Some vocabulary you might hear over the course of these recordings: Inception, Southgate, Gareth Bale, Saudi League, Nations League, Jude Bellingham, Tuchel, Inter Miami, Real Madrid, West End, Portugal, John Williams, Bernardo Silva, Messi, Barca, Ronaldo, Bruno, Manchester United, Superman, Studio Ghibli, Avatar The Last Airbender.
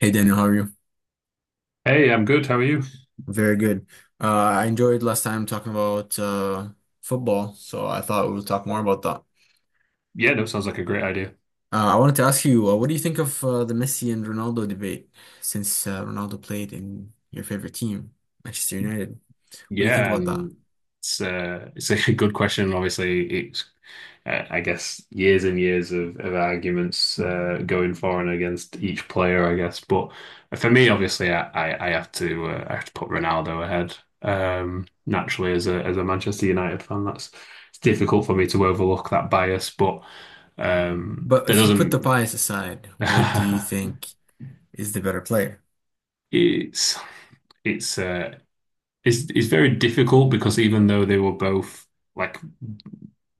Hey Daniel, how are you? Hey, I'm good. How are you? Very good. I enjoyed last time talking about football, so I thought we would talk more about that. Yeah, no, sounds like a great idea. I wanted to ask you, what do you think of the Messi and Ronaldo debate since Ronaldo played in your favorite team, Manchester United? What do you think Yeah, about that? and it's a good question. Obviously, it's I guess years and years of arguments going for and against each player, I guess. But for me, obviously, I have to I have to put Ronaldo ahead. Naturally, as a Manchester United fan, that's it's difficult for me to overlook that bias. But But that if you put the doesn't bias aside, what do you think is the better player? it's it's uh, it's very difficult because even though they were both like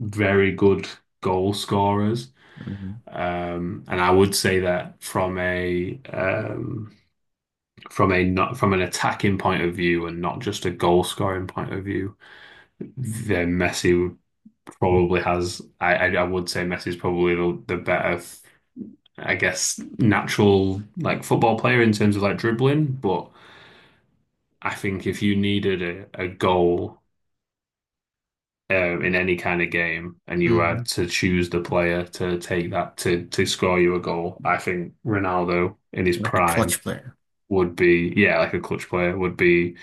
very good goal scorers, Hmm. And I would say that from a not from an attacking point of view and not just a goal scoring point of view, then Messi probably has. I would say Messi's probably the better, I guess, natural like football player in terms of like dribbling, but. I think if you needed a goal in any kind of game and you had Hmm. to choose the player to take that to score you a goal, I think Ronaldo in his Like a prime clutch player. would be, yeah, like a clutch player,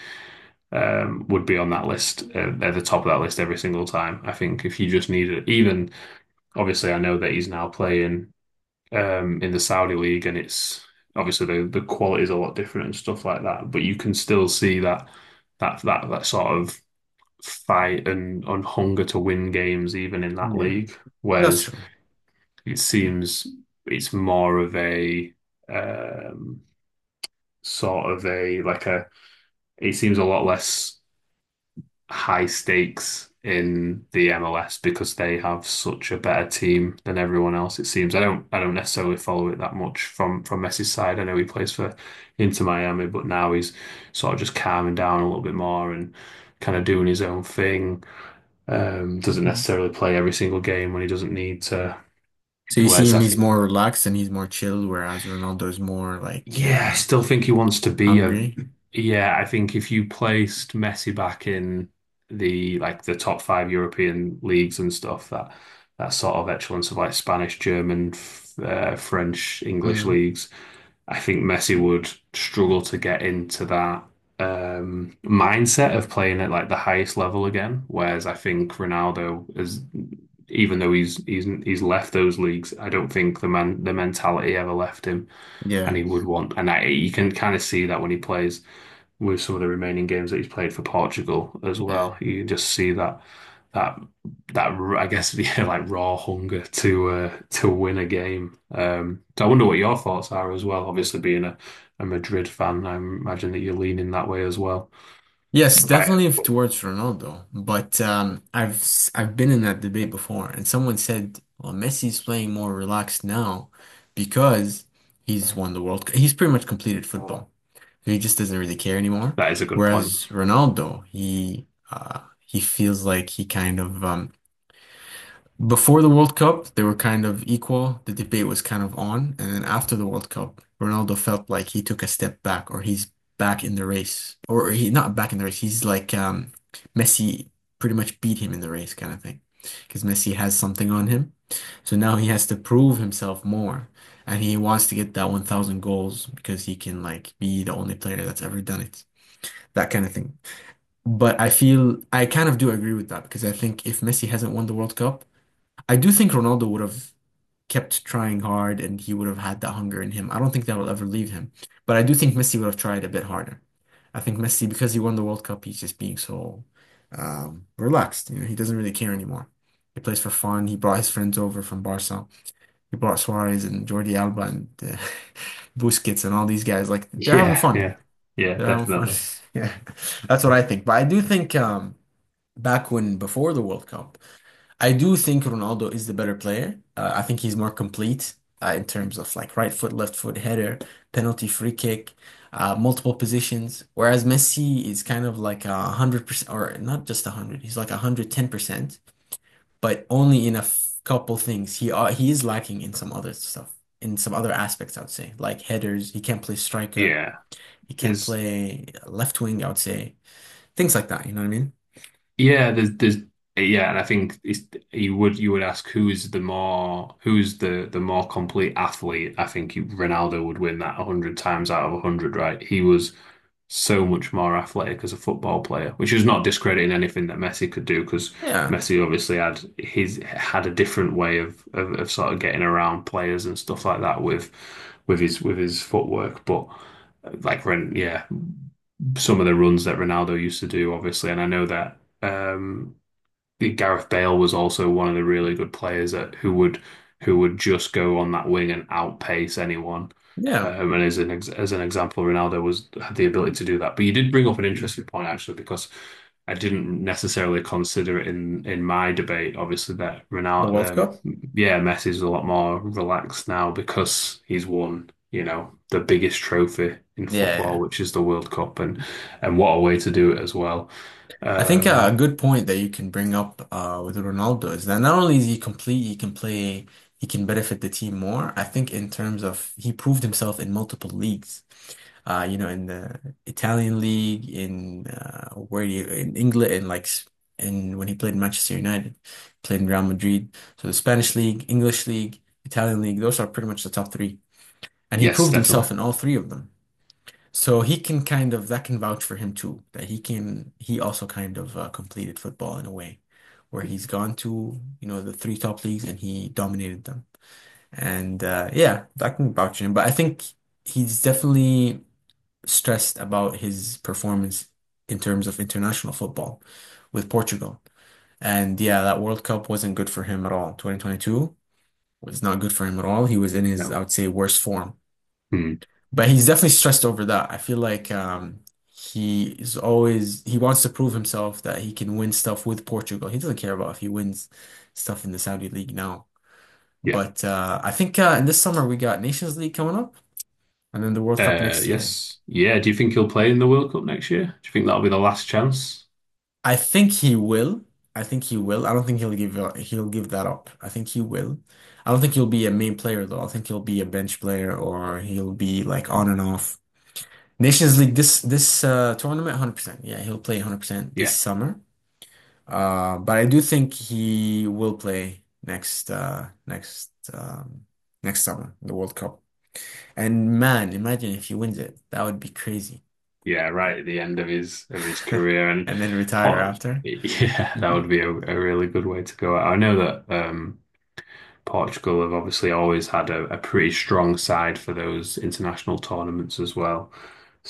would be on that list at the top of that list every single time. I think if you just needed even obviously I know that he's now playing in the Saudi league, and it's obviously the quality is a lot different and stuff like that, but you can still see that that sort of fight and on hunger to win games even in that Yeah, league. that's Whereas true. it seems it's more of a um, sort of a it seems a lot less high stakes in the MLS because they have such a better team than everyone else, it seems. I don't necessarily follow it that much from Messi's side. I know he plays for Inter Miami, but now he's sort of just calming down a little bit more and kind of doing his own thing. Doesn't necessarily play every single game when he doesn't need to. So you see Whereas him, I he's think, more relaxed and he's more chill, whereas Ronaldo is more like yeah, I still think he wants to be a. hungry. Yeah, I think if you placed Messi back in the top five European leagues and stuff, that that sort of excellence of like Spanish, German, f French, English Mm, leagues, I think Messi would struggle to get into that mindset of playing at like the highest level again. Whereas I think Ronaldo is, even though he's left those leagues, I don't think the mentality ever left him, and yeah, he would want, and that you can kind of see that when he plays with some of the remaining games that he's played for Portugal as yeah. well. You can just see that that I guess yeah, like raw hunger to win a game. So I wonder what your thoughts are as well. Obviously, being a Madrid fan, I imagine that you're leaning that way as well. Yes, Right. definitely towards Ronaldo. But I've I've been in that debate before and someone said, well, Messi's playing more relaxed now because he's won the World Cup. He's pretty much completed football. So he just doesn't really care anymore. That is a good point. Whereas Ronaldo, he feels like he kind of before the World Cup, they were kind of equal. The debate was kind of on. And then after the World Cup, Ronaldo felt like he took a step back or he's back in the race. Or he not back in the race. He's like Messi pretty much beat him in the race kind of thing. Because Messi has something on him. So now he has to prove himself more. And he wants to get that 1,000 goals because he can like be the only player that's ever done it. That kind of thing. But I feel I kind of do agree with that because I think if Messi hasn't won the World Cup, I do think Ronaldo would have kept trying hard and he would have had that hunger in him. I don't think that will ever leave him. But I do think Messi would have tried a bit harder. I think Messi, because he won the World Cup, he's just being so relaxed. You know, he doesn't really care anymore. He plays for fun. He brought his friends over from Barca. He brought Suarez and Jordi Alba and Busquets and all these guys. Like they're having Yeah, fun. yeah, yeah, They're having fun. definitely. Yeah, that's what I think. But I do think back when before the World Cup. I do think Ronaldo is the better player. I think he's more complete in terms of like right foot, left foot, header, penalty, free kick, multiple positions. Whereas Messi is kind of like 100%, or not just a hundred. He's like 110%, but only in a f couple things. He is lacking in some other stuff, in some other aspects. I would say like headers. He can't play striker. Yeah, He can't there's. play left wing. I would say things like that. You know what I mean? there's yeah, and I think it's you would ask who is the more who's the more complete athlete. I think Ronaldo would win that a hundred times out of a hundred, right? He was so much more athletic as a football player, which is not discrediting anything that Messi could do because Yeah, Messi obviously had a different way of sort of getting around players and stuff like that with with his footwork, but yeah, some of the runs that Ronaldo used to do, obviously, and I know that Gareth Bale was also one of the really good players that who would just go on that wing and outpace anyone. yeah. And as an ex as an example, Ronaldo was had the ability to do that. But you did bring up an interesting point actually, because I didn't necessarily consider it in my debate. Obviously, that The World Ronaldo, Cup? yeah, Messi's a lot more relaxed now because he's won, you know, the biggest trophy in football, Yeah. which is the World Cup, and what a way to do it as well. I think Um, a good point that you can bring up with Ronaldo is that not only is he complete, he can play, he can benefit the team more. I think in terms of he proved himself in multiple leagues. You know, in the Italian league, in where you in England, in when he played in Manchester United, played in Real Madrid. So the Spanish league, English league, Italian league, those are pretty much the top three, and he yes, proved definitely. himself in all three of them. So he can kind of that can vouch for him too, that he can he also kind of completed football in a way where he's gone to, you know, the three top leagues and he dominated them. And yeah, that can vouch for him. But I think he's definitely stressed about his performance in terms of international football with Portugal. And yeah, that World Cup wasn't good for him at all. 2022 was not good for him at all. He was in his, I No. would say, worst form Hmm. but he's definitely stressed over that. I feel like he is always he wants to prove himself that he can win stuff with Portugal. He doesn't care about if he wins stuff in the Saudi League now. Yeah. But I think in this summer we got Nations League coming up, and then the World Cup next year. Yes. Yeah. Do you think he'll play in the World Cup next year? Do you think that'll be the last chance? I think he will. I think he will. I don't think he'll give that up. I think he will. I don't think he'll be a main player though. I think he'll be a bench player or he'll be like on and off. Nations League this tournament, 100%. Yeah, he'll play 100% this Yeah. summer. But I do think he will play next summer, the World Cup. And man, imagine if he wins it. That would be crazy. Yeah. Right at the end of his career, and And then retire Por- after. yeah, that would be a really good way to go. I know that Portugal have obviously always had a pretty strong side for those international tournaments as well.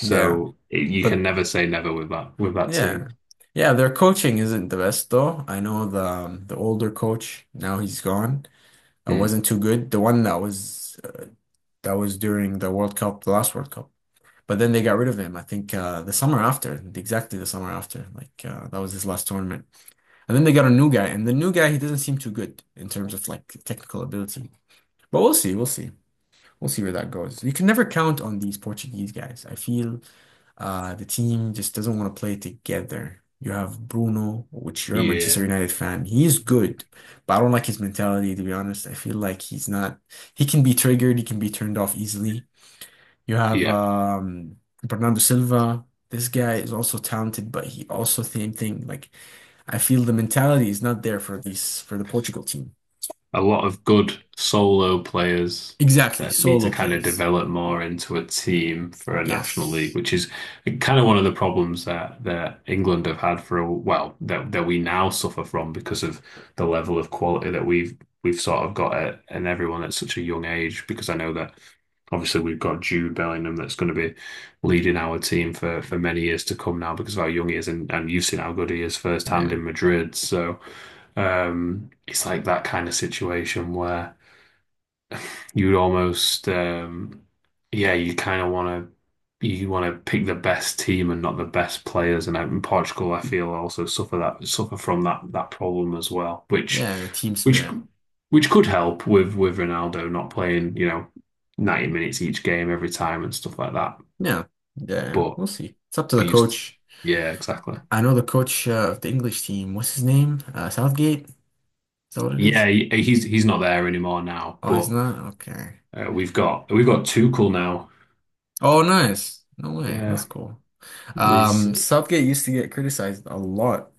Yeah. it, you can But never say never with that with that team. yeah. Yeah, their coaching isn't the best though. I know the older coach, now he's gone. It Hmm. wasn't too good. The one that was during the World Cup, the last World Cup. But then they got rid of him, I think the summer after, exactly the summer after. Like, that was his last tournament. And then they got a new guy, and the new guy, he doesn't seem too good in terms of like technical ability. But we'll see, we'll see. We'll see where that goes. You can never count on these Portuguese guys. I feel the team just doesn't want to play together. You have Bruno, which you're a Manchester Yeah. United fan. He's good, but I don't like his mentality, to be honest. I feel like he's not, he can be triggered, he can be turned off easily. You have Yeah. Bernardo Silva. This guy is also talented, but he also same thing. Like I feel the mentality is not there for the Portugal team. A lot of good solo players Exactly, that need to solo kind of players. develop more into a team for a national league, Yes. which is kind of one of the problems that England have had for a well that that we now suffer from because of the level of quality that we've sort of got at and everyone at such a young age. Because I know that obviously we've got Jude Bellingham that's going to be leading our team for many years to come now because of how young he is, and you've seen how good he is firsthand Yeah. in Madrid. So. It's like that kind of situation where you almost, yeah, you kind of want to you want to pick the best team and not the best players. And out in Portugal, I feel also suffer from that problem as well, Yeah, the team which spirit. which could help with Ronaldo not playing, you know, 90 minutes each game every time and stuff like that. Yeah. Yeah, yeah. But We'll see. It's up to the but you, st- coach. yeah, exactly. I know the coach of the English team. What's his name? Southgate? Is that what it is? He's not there anymore now. Oh, he's But not? Okay. We've got Tuchel now. Oh, nice. No way. That's Yeah. cool. There's Southgate used to get criticized a lot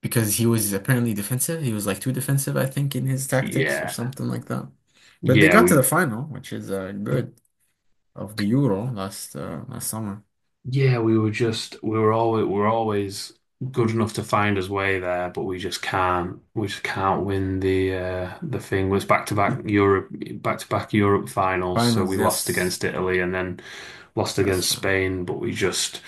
because he was apparently defensive. He was like too defensive, I think, in his tactics or yeah. something like that. But they Yeah, got to the we final, which is good of the Euro last summer. yeah, we were just we were always we we're always good enough to find his way there, but we just can't win the thing. It was back to back Europe finals, so Finals, we lost yes, against Italy and then lost that's against true. Spain, but we just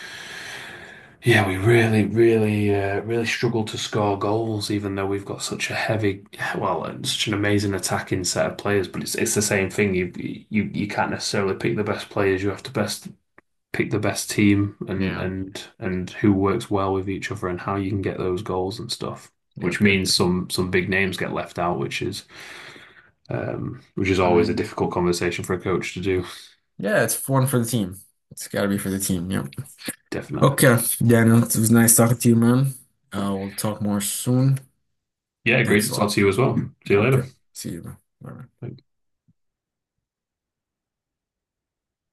yeah, we really, really, really struggle to score goals, even though we've got such a heavy, well, and such an amazing attacking set of players. But it's the same thing. You you can't necessarily pick the best players. You have to best pick the best team and Yeah, who works well with each other and how you can get those goals and stuff. Which yep, yep, means yep. Some big names get left out, which is I always a mean, difficult conversation for a coach to do. yeah, it's one for the team. It's got to be for the team. Yep. Definitely. Okay, Daniel, it was nice talking to you, man. We'll talk more soon. Yeah, great Thanks to a talk lot. to you as well. See you later. Okay, see you, man. Bye.